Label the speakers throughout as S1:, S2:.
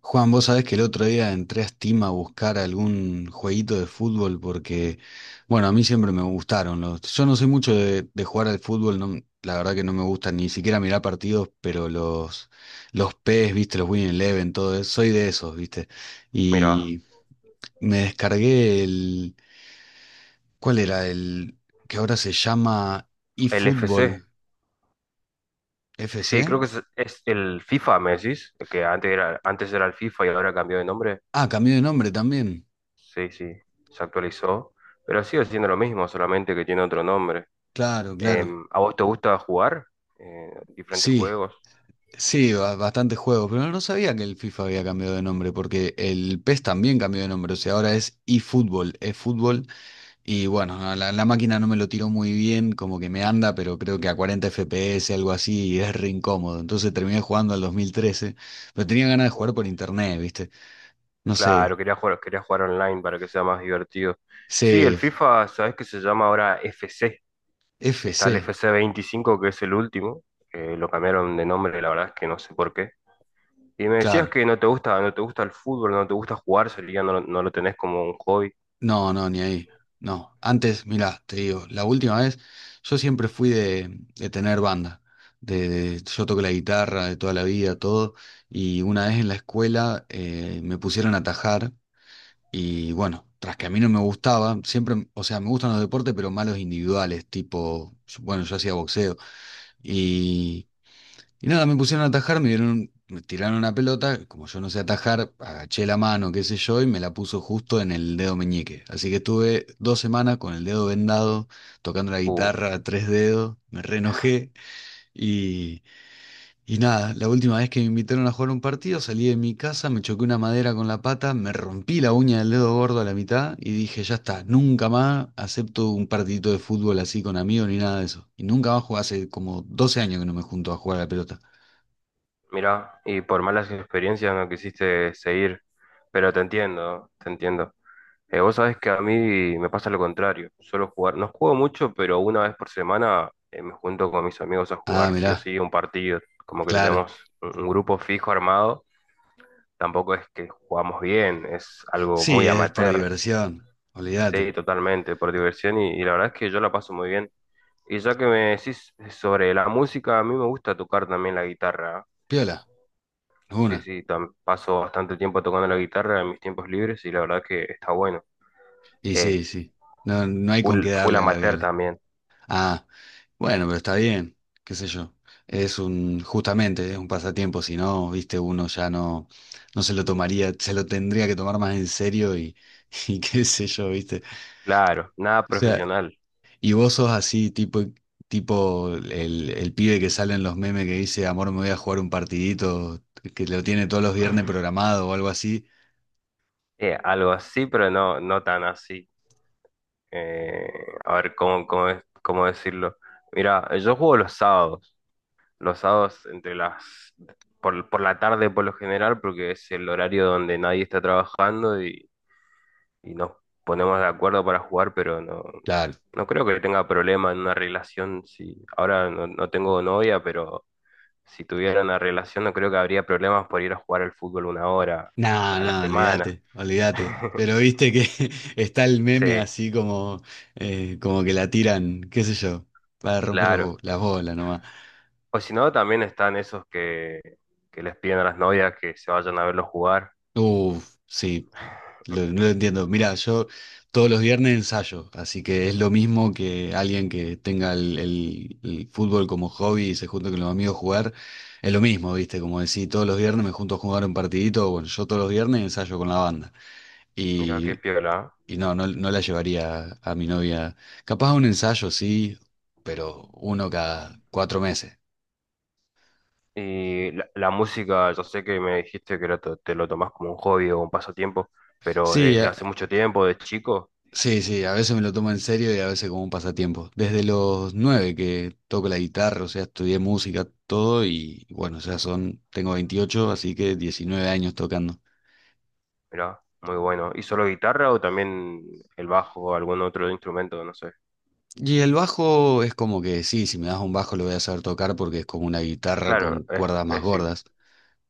S1: Juan, vos sabés que el otro día entré a Steam a buscar algún jueguito de fútbol porque, bueno, a mí siempre me gustaron los... Yo no soy mucho de jugar al fútbol, no, la verdad que no me gusta ni siquiera mirar partidos, pero los PES, viste, los Win Eleven, todo eso, soy de esos, viste.
S2: Mira,
S1: Y me descargué el... ¿Cuál era? El que ahora se llama
S2: el FC.
S1: eFootball
S2: Sí,
S1: FC.
S2: creo que es el FIFA, me decís, que antes era el FIFA y ahora cambió de nombre.
S1: Ah, cambió de nombre también.
S2: Sí, sí, se actualizó, pero sigue siendo lo mismo, solamente que tiene otro nombre.
S1: Claro, claro.
S2: ¿A vos te gusta jugar diferentes
S1: Sí.
S2: juegos?
S1: Sí, bastante juego, pero no sabía que el FIFA había cambiado de nombre, porque el PES también cambió de nombre, o sea, ahora es eFootball, es fútbol, y bueno, a la máquina no me lo tiró muy bien, como que me anda, pero creo que a 40 FPS, algo así, y es re incómodo, entonces terminé jugando al 2013, pero tenía ganas de
S2: Oh,
S1: jugar por internet, ¿viste? No
S2: claro,
S1: sé,
S2: quería jugar online para que sea más divertido. Sí, el FIFA, ¿sabés que se llama ahora FC? Está el
S1: CFC,
S2: FC 25, que es el último. Lo cambiaron de nombre, la verdad es que no sé por qué. Y me decías
S1: claro.
S2: que no te gusta, no te gusta el fútbol, no te gusta jugar, sería, no, no lo tenés como un hobby.
S1: No, no, ni ahí. No. Antes, mirá, te digo, la última vez, yo siempre fui de tener banda. Yo toco la guitarra de toda la vida, todo. Y una vez en la escuela me pusieron a tajar. Y bueno, tras que a mí no me gustaba, siempre, o sea, me gustan los deportes, pero malos individuales, tipo, bueno, yo hacía boxeo. Y nada, me pusieron a atajar, me dieron, me tiraron una pelota, como yo no sé atajar, agaché la mano, qué sé yo, y me la puso justo en el dedo meñique. Así que estuve dos semanas con el dedo vendado, tocando la
S2: Uf,
S1: guitarra a tres dedos, me re enojé y, y nada, la última vez que me invitaron a jugar un partido, salí de mi casa, me choqué una madera con la pata, me rompí la uña del dedo gordo a la mitad y dije, ya está, nunca más acepto un partidito de fútbol así con amigos ni nada de eso. Y nunca más jugué, hace como 12 años que no me junto a jugar a la pelota.
S2: mirá, y por malas experiencias no quisiste seguir, pero te entiendo, te entiendo. Vos sabés que a mí me pasa lo contrario, suelo jugar, no juego mucho, pero una vez por semana me junto con mis amigos a
S1: Ah,
S2: jugar sí o
S1: mirá,
S2: sí un partido, como que
S1: claro.
S2: tenemos un grupo fijo armado, tampoco es que jugamos bien, es algo
S1: Sí,
S2: muy
S1: es por
S2: amateur,
S1: diversión,
S2: sí,
S1: olvídate.
S2: totalmente, por diversión y la verdad es que yo la paso muy bien. Y ya que me decís sobre la música, a mí me gusta tocar también la guitarra.
S1: Piola,
S2: Sí,
S1: una.
S2: sí, paso bastante tiempo tocando la guitarra en mis tiempos libres y la verdad que está bueno.
S1: Y
S2: Eh,
S1: sí, sí. No, no hay con
S2: full,
S1: qué
S2: full
S1: darle a la
S2: amateur
S1: viola.
S2: también,
S1: Ah, bueno, pero está bien, qué sé yo. Es un, justamente, es un pasatiempo, si no, viste, uno ya no, no se lo tomaría, se lo tendría que tomar más en serio y, y qué sé yo, viste.
S2: claro, nada
S1: O sea,
S2: profesional.
S1: y vos sos así, tipo, tipo el pibe que sale en los memes que dice, amor, me voy a jugar un partidito, que lo tiene todos los viernes programado o algo así.
S2: Algo así, pero no, no tan así. Eh, a ver, cómo decirlo? Mira, yo juego los sábados entre las... Por la tarde por lo general, porque es el horario donde nadie está trabajando y nos ponemos de acuerdo para jugar, pero no,
S1: Claro.
S2: no creo que tenga problema en una relación. Si ahora no tengo novia, pero si tuviera una relación, no creo que habría problemas por ir a jugar al fútbol una hora
S1: Nada,
S2: a la
S1: nada,
S2: semana.
S1: olvídate, olvídate. Pero viste que está el
S2: Sí,
S1: meme así como, como que la tiran, qué sé yo, para romper los
S2: claro.
S1: las bolas nomás.
S2: O si no, también están esos que les piden a las novias que se vayan a verlos jugar.
S1: Uf, sí, no lo entiendo. Mira, yo todos los viernes ensayo, así que es lo mismo que alguien que tenga el, el fútbol como hobby y se junta con los amigos a jugar. Es lo mismo, ¿viste? Como decís, todos los viernes me junto a jugar un partidito. Bueno, yo todos los viernes ensayo con la banda.
S2: Mira qué
S1: Y,
S2: piola.
S1: y no, no, no la llevaría a, mi novia. Capaz a un ensayo, sí,
S2: ¿Eh?
S1: pero uno cada 4 meses.
S2: Y la música, yo sé que me dijiste que te lo tomás como un hobby o un pasatiempo, pero
S1: Sí,
S2: desde hace mucho tiempo, de chico.
S1: sí, sí, a veces me lo tomo en serio y a veces como un pasatiempo. Desde los nueve que toco la guitarra, o sea, estudié música, todo y bueno, o sea, son, tengo 28, así que 19 años tocando.
S2: Mirá, muy bueno. ¿Y solo guitarra o también el bajo o algún otro instrumento? No sé.
S1: Y el bajo es como que sí, si me das un bajo lo voy a saber tocar porque es como una guitarra con
S2: Claro, es,
S1: cuerdas más
S2: es sí,
S1: gordas.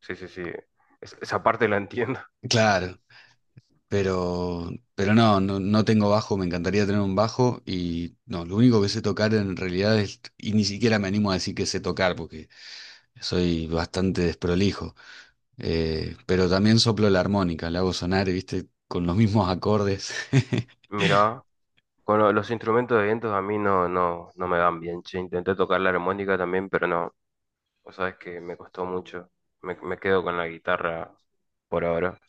S2: sí, sí, sí. Esa parte la entiendo.
S1: Claro, pero no, no, no tengo bajo, me encantaría tener un bajo y no, lo único que sé tocar en realidad es, y ni siquiera me animo a decir que sé tocar porque soy bastante desprolijo. Pero también soplo la armónica, la hago sonar, viste, con los mismos acordes.
S2: Mirá, con los instrumentos de vientos a mí no me dan bien, che. Intenté tocar la armónica también, pero no. O sabes que me costó mucho. Me quedo con la guitarra por ahora.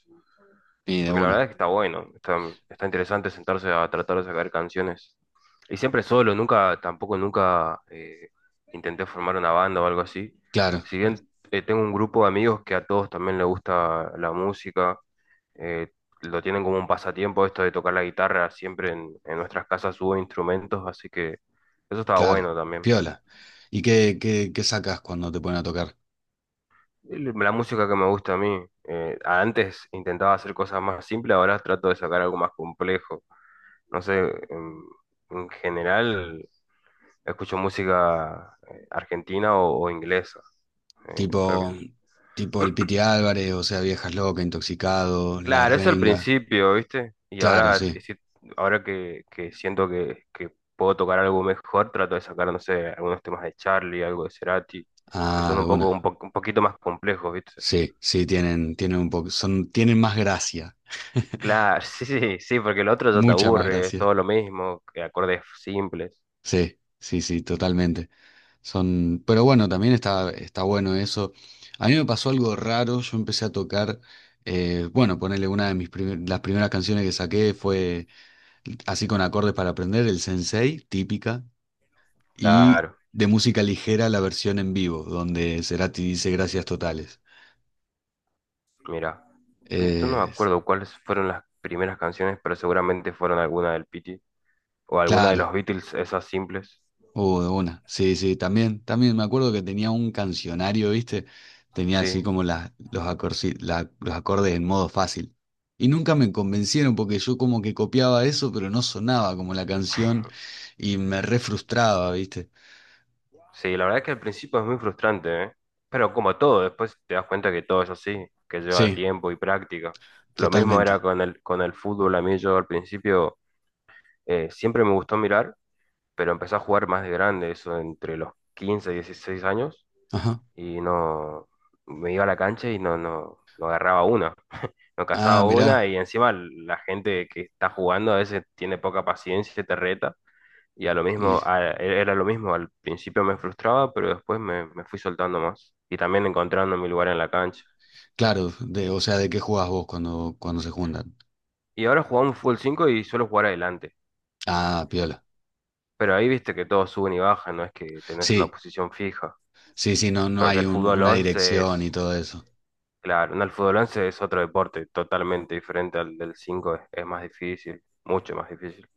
S1: Y de
S2: Porque la verdad es
S1: una.
S2: que está bueno, está interesante sentarse a tratar de sacar canciones. Y siempre solo, nunca, tampoco nunca intenté formar una banda o algo así.
S1: Claro,
S2: Si bien tengo un grupo de amigos que a todos también les gusta la música, eh, lo tienen como un pasatiempo esto de tocar la guitarra, siempre en nuestras casas hubo instrumentos, así que eso estaba
S1: claro.
S2: bueno también.
S1: Piola. ¿Y qué, qué, qué sacas cuando te ponen a tocar?
S2: La música que me gusta a mí, antes intentaba hacer cosas más simples, ahora trato de sacar algo más complejo. No sé, en, en general escucho música argentina o inglesa. Todo lo que
S1: Tipo,
S2: es-
S1: tipo el Piti Álvarez, o sea, Viejas Locas, Intoxicado, La
S2: Claro, eso al
S1: Renga.
S2: principio, ¿viste? Y
S1: Claro,
S2: ahora,
S1: sí.
S2: sí, ahora que siento que puedo tocar algo mejor, trato de sacar, no sé, algunos temas de Charlie, algo de Cerati, que son
S1: Ah, de
S2: un poco,
S1: una.
S2: un poquito más complejos, ¿viste?
S1: Sí, sí, tienen, tienen un poco, son, tienen más gracia.
S2: Claro, sí, sí, sí, porque el otro ya te
S1: Mucha más
S2: aburre, es
S1: gracia.
S2: todo lo mismo, que acordes simples.
S1: Sí, sí, sí, totalmente. Son, pero bueno, también está, está bueno eso. A mí me pasó algo raro, yo empecé a tocar, bueno, ponerle una de mis las primeras canciones que saqué fue así con acordes para aprender, el Sensei, típica, y
S2: Claro.
S1: de música ligera la versión en vivo, donde Cerati dice gracias totales.
S2: Mira, yo no me
S1: Eh,
S2: acuerdo cuáles fueron las primeras canciones, pero seguramente fueron alguna del Pity o alguna de
S1: claro,
S2: los Beatles, esas simples.
S1: uh, de una. Sí, sí, también, también me acuerdo que tenía un cancionario, ¿viste? Tenía así
S2: Sí,
S1: como las, los los acordes en modo fácil. Y nunca me convencieron porque yo como que copiaba eso, pero no sonaba como la canción y me re frustraba, ¿viste?
S2: sí, la verdad es que al principio es muy frustrante, ¿eh? Pero como todo, después te das cuenta que todo es así, que lleva
S1: Sí,
S2: tiempo y práctica. Lo mismo era
S1: totalmente.
S2: con el, fútbol, a mí yo al principio siempre me gustó mirar, pero empecé a jugar más de grande, eso entre los 15 y 16 años,
S1: Ajá.
S2: y no, me iba a la cancha y no agarraba una. No
S1: Ah,
S2: cazaba
S1: mirá.
S2: una y encima la gente que está jugando a veces tiene poca paciencia, y te reta. Y a lo
S1: Y
S2: mismo, era lo mismo, al principio me frustraba, pero después me fui soltando más y también encontrando mi lugar en la cancha.
S1: claro, de, o sea, ¿de qué jugás vos cuando, cuando se juntan?
S2: Y ahora jugamos fútbol 5 y suelo jugar adelante,
S1: Ah, piola.
S2: pero ahí viste que todos suben y bajan, no es que tenés una
S1: Sí,
S2: posición fija,
S1: sí, sí, no, no
S2: porque
S1: hay
S2: el fútbol
S1: una
S2: 11
S1: dirección
S2: es,
S1: y todo eso.
S2: claro, no, el fútbol 11 es otro deporte totalmente diferente al del 5 es más difícil, mucho más difícil.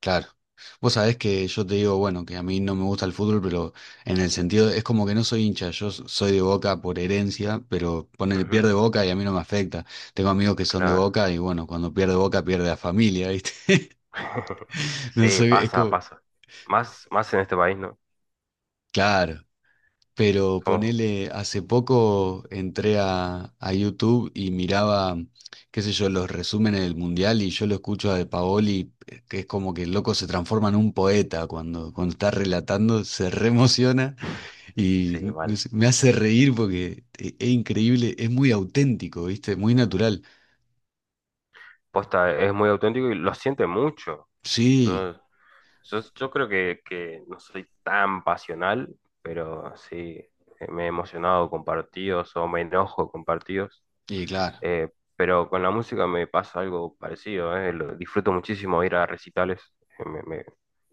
S1: Claro. Vos sabés que yo te digo, bueno, que a mí no me gusta el fútbol, pero en el sentido, es como que no soy hincha, yo soy de Boca por herencia, pero pone,
S2: Ujú,
S1: pierde Boca y a mí no me afecta. Tengo amigos que son de
S2: claro.
S1: Boca y bueno, cuando pierde Boca pierde la familia, ¿viste? No
S2: Sí,
S1: sé, es
S2: pasa,
S1: como,
S2: pasa. Más, más en este país, ¿no?
S1: claro. Pero
S2: Somos,
S1: ponele, hace poco entré a YouTube y miraba, qué sé yo, los resúmenes del Mundial y yo lo escucho a De Paoli, que es como que el loco se transforma en un poeta cuando, cuando está relatando, se reemociona y
S2: sí,
S1: no
S2: mal.
S1: sé, me hace reír porque es, increíble, es muy auténtico, ¿viste? Muy natural.
S2: Posta es muy auténtico y lo siente mucho.
S1: Sí,
S2: Yo, yo creo que no soy tan pasional, pero sí, me he emocionado con partidos o me enojo con partidos.
S1: y claro,
S2: Eh, pero con la música me pasa algo parecido, ¿eh? Disfruto muchísimo ir a recitales. eh, me- me-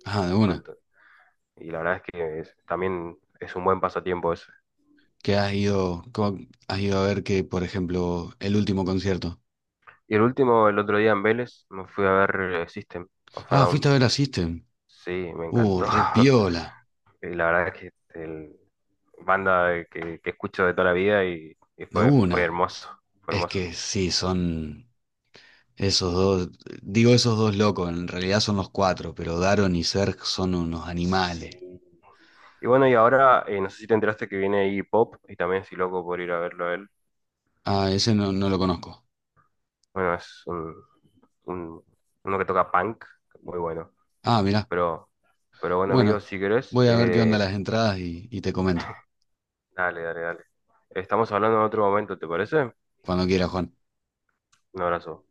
S1: ah, de una.
S2: cuanto- y la verdad es que también es un buen pasatiempo eso.
S1: ¿Qué has ido, cómo has ido a ver que, por ejemplo, el último concierto?
S2: Y el último, el otro día en Vélez, me fui a ver System of a
S1: Ah,
S2: Down.
S1: fuiste a ver a System.
S2: Sí, me encantó.
S1: Re piola.
S2: Y la verdad es que el banda que escucho de toda la vida y
S1: De
S2: fue
S1: una.
S2: hermoso, fue
S1: Es
S2: hermoso.
S1: que sí, son esos dos, digo esos dos locos, en realidad son los cuatro, pero Daron y Serg son unos animales.
S2: Sí. Y bueno, y ahora, no sé si te enteraste que viene Iggy Pop y también estoy loco por ir a verlo a él.
S1: Ah, ese no, no lo conozco.
S2: Bueno, es un- uno que toca punk, muy bueno.
S1: Ah, mirá.
S2: Pero, pero bueno,
S1: Bueno,
S2: amigos, si querés,
S1: voy a ver qué onda las entradas y te comento.
S2: dale, dale, dale. Estamos hablando en otro momento, ¿te parece?
S1: Cuando quieras, Juan.
S2: Un abrazo.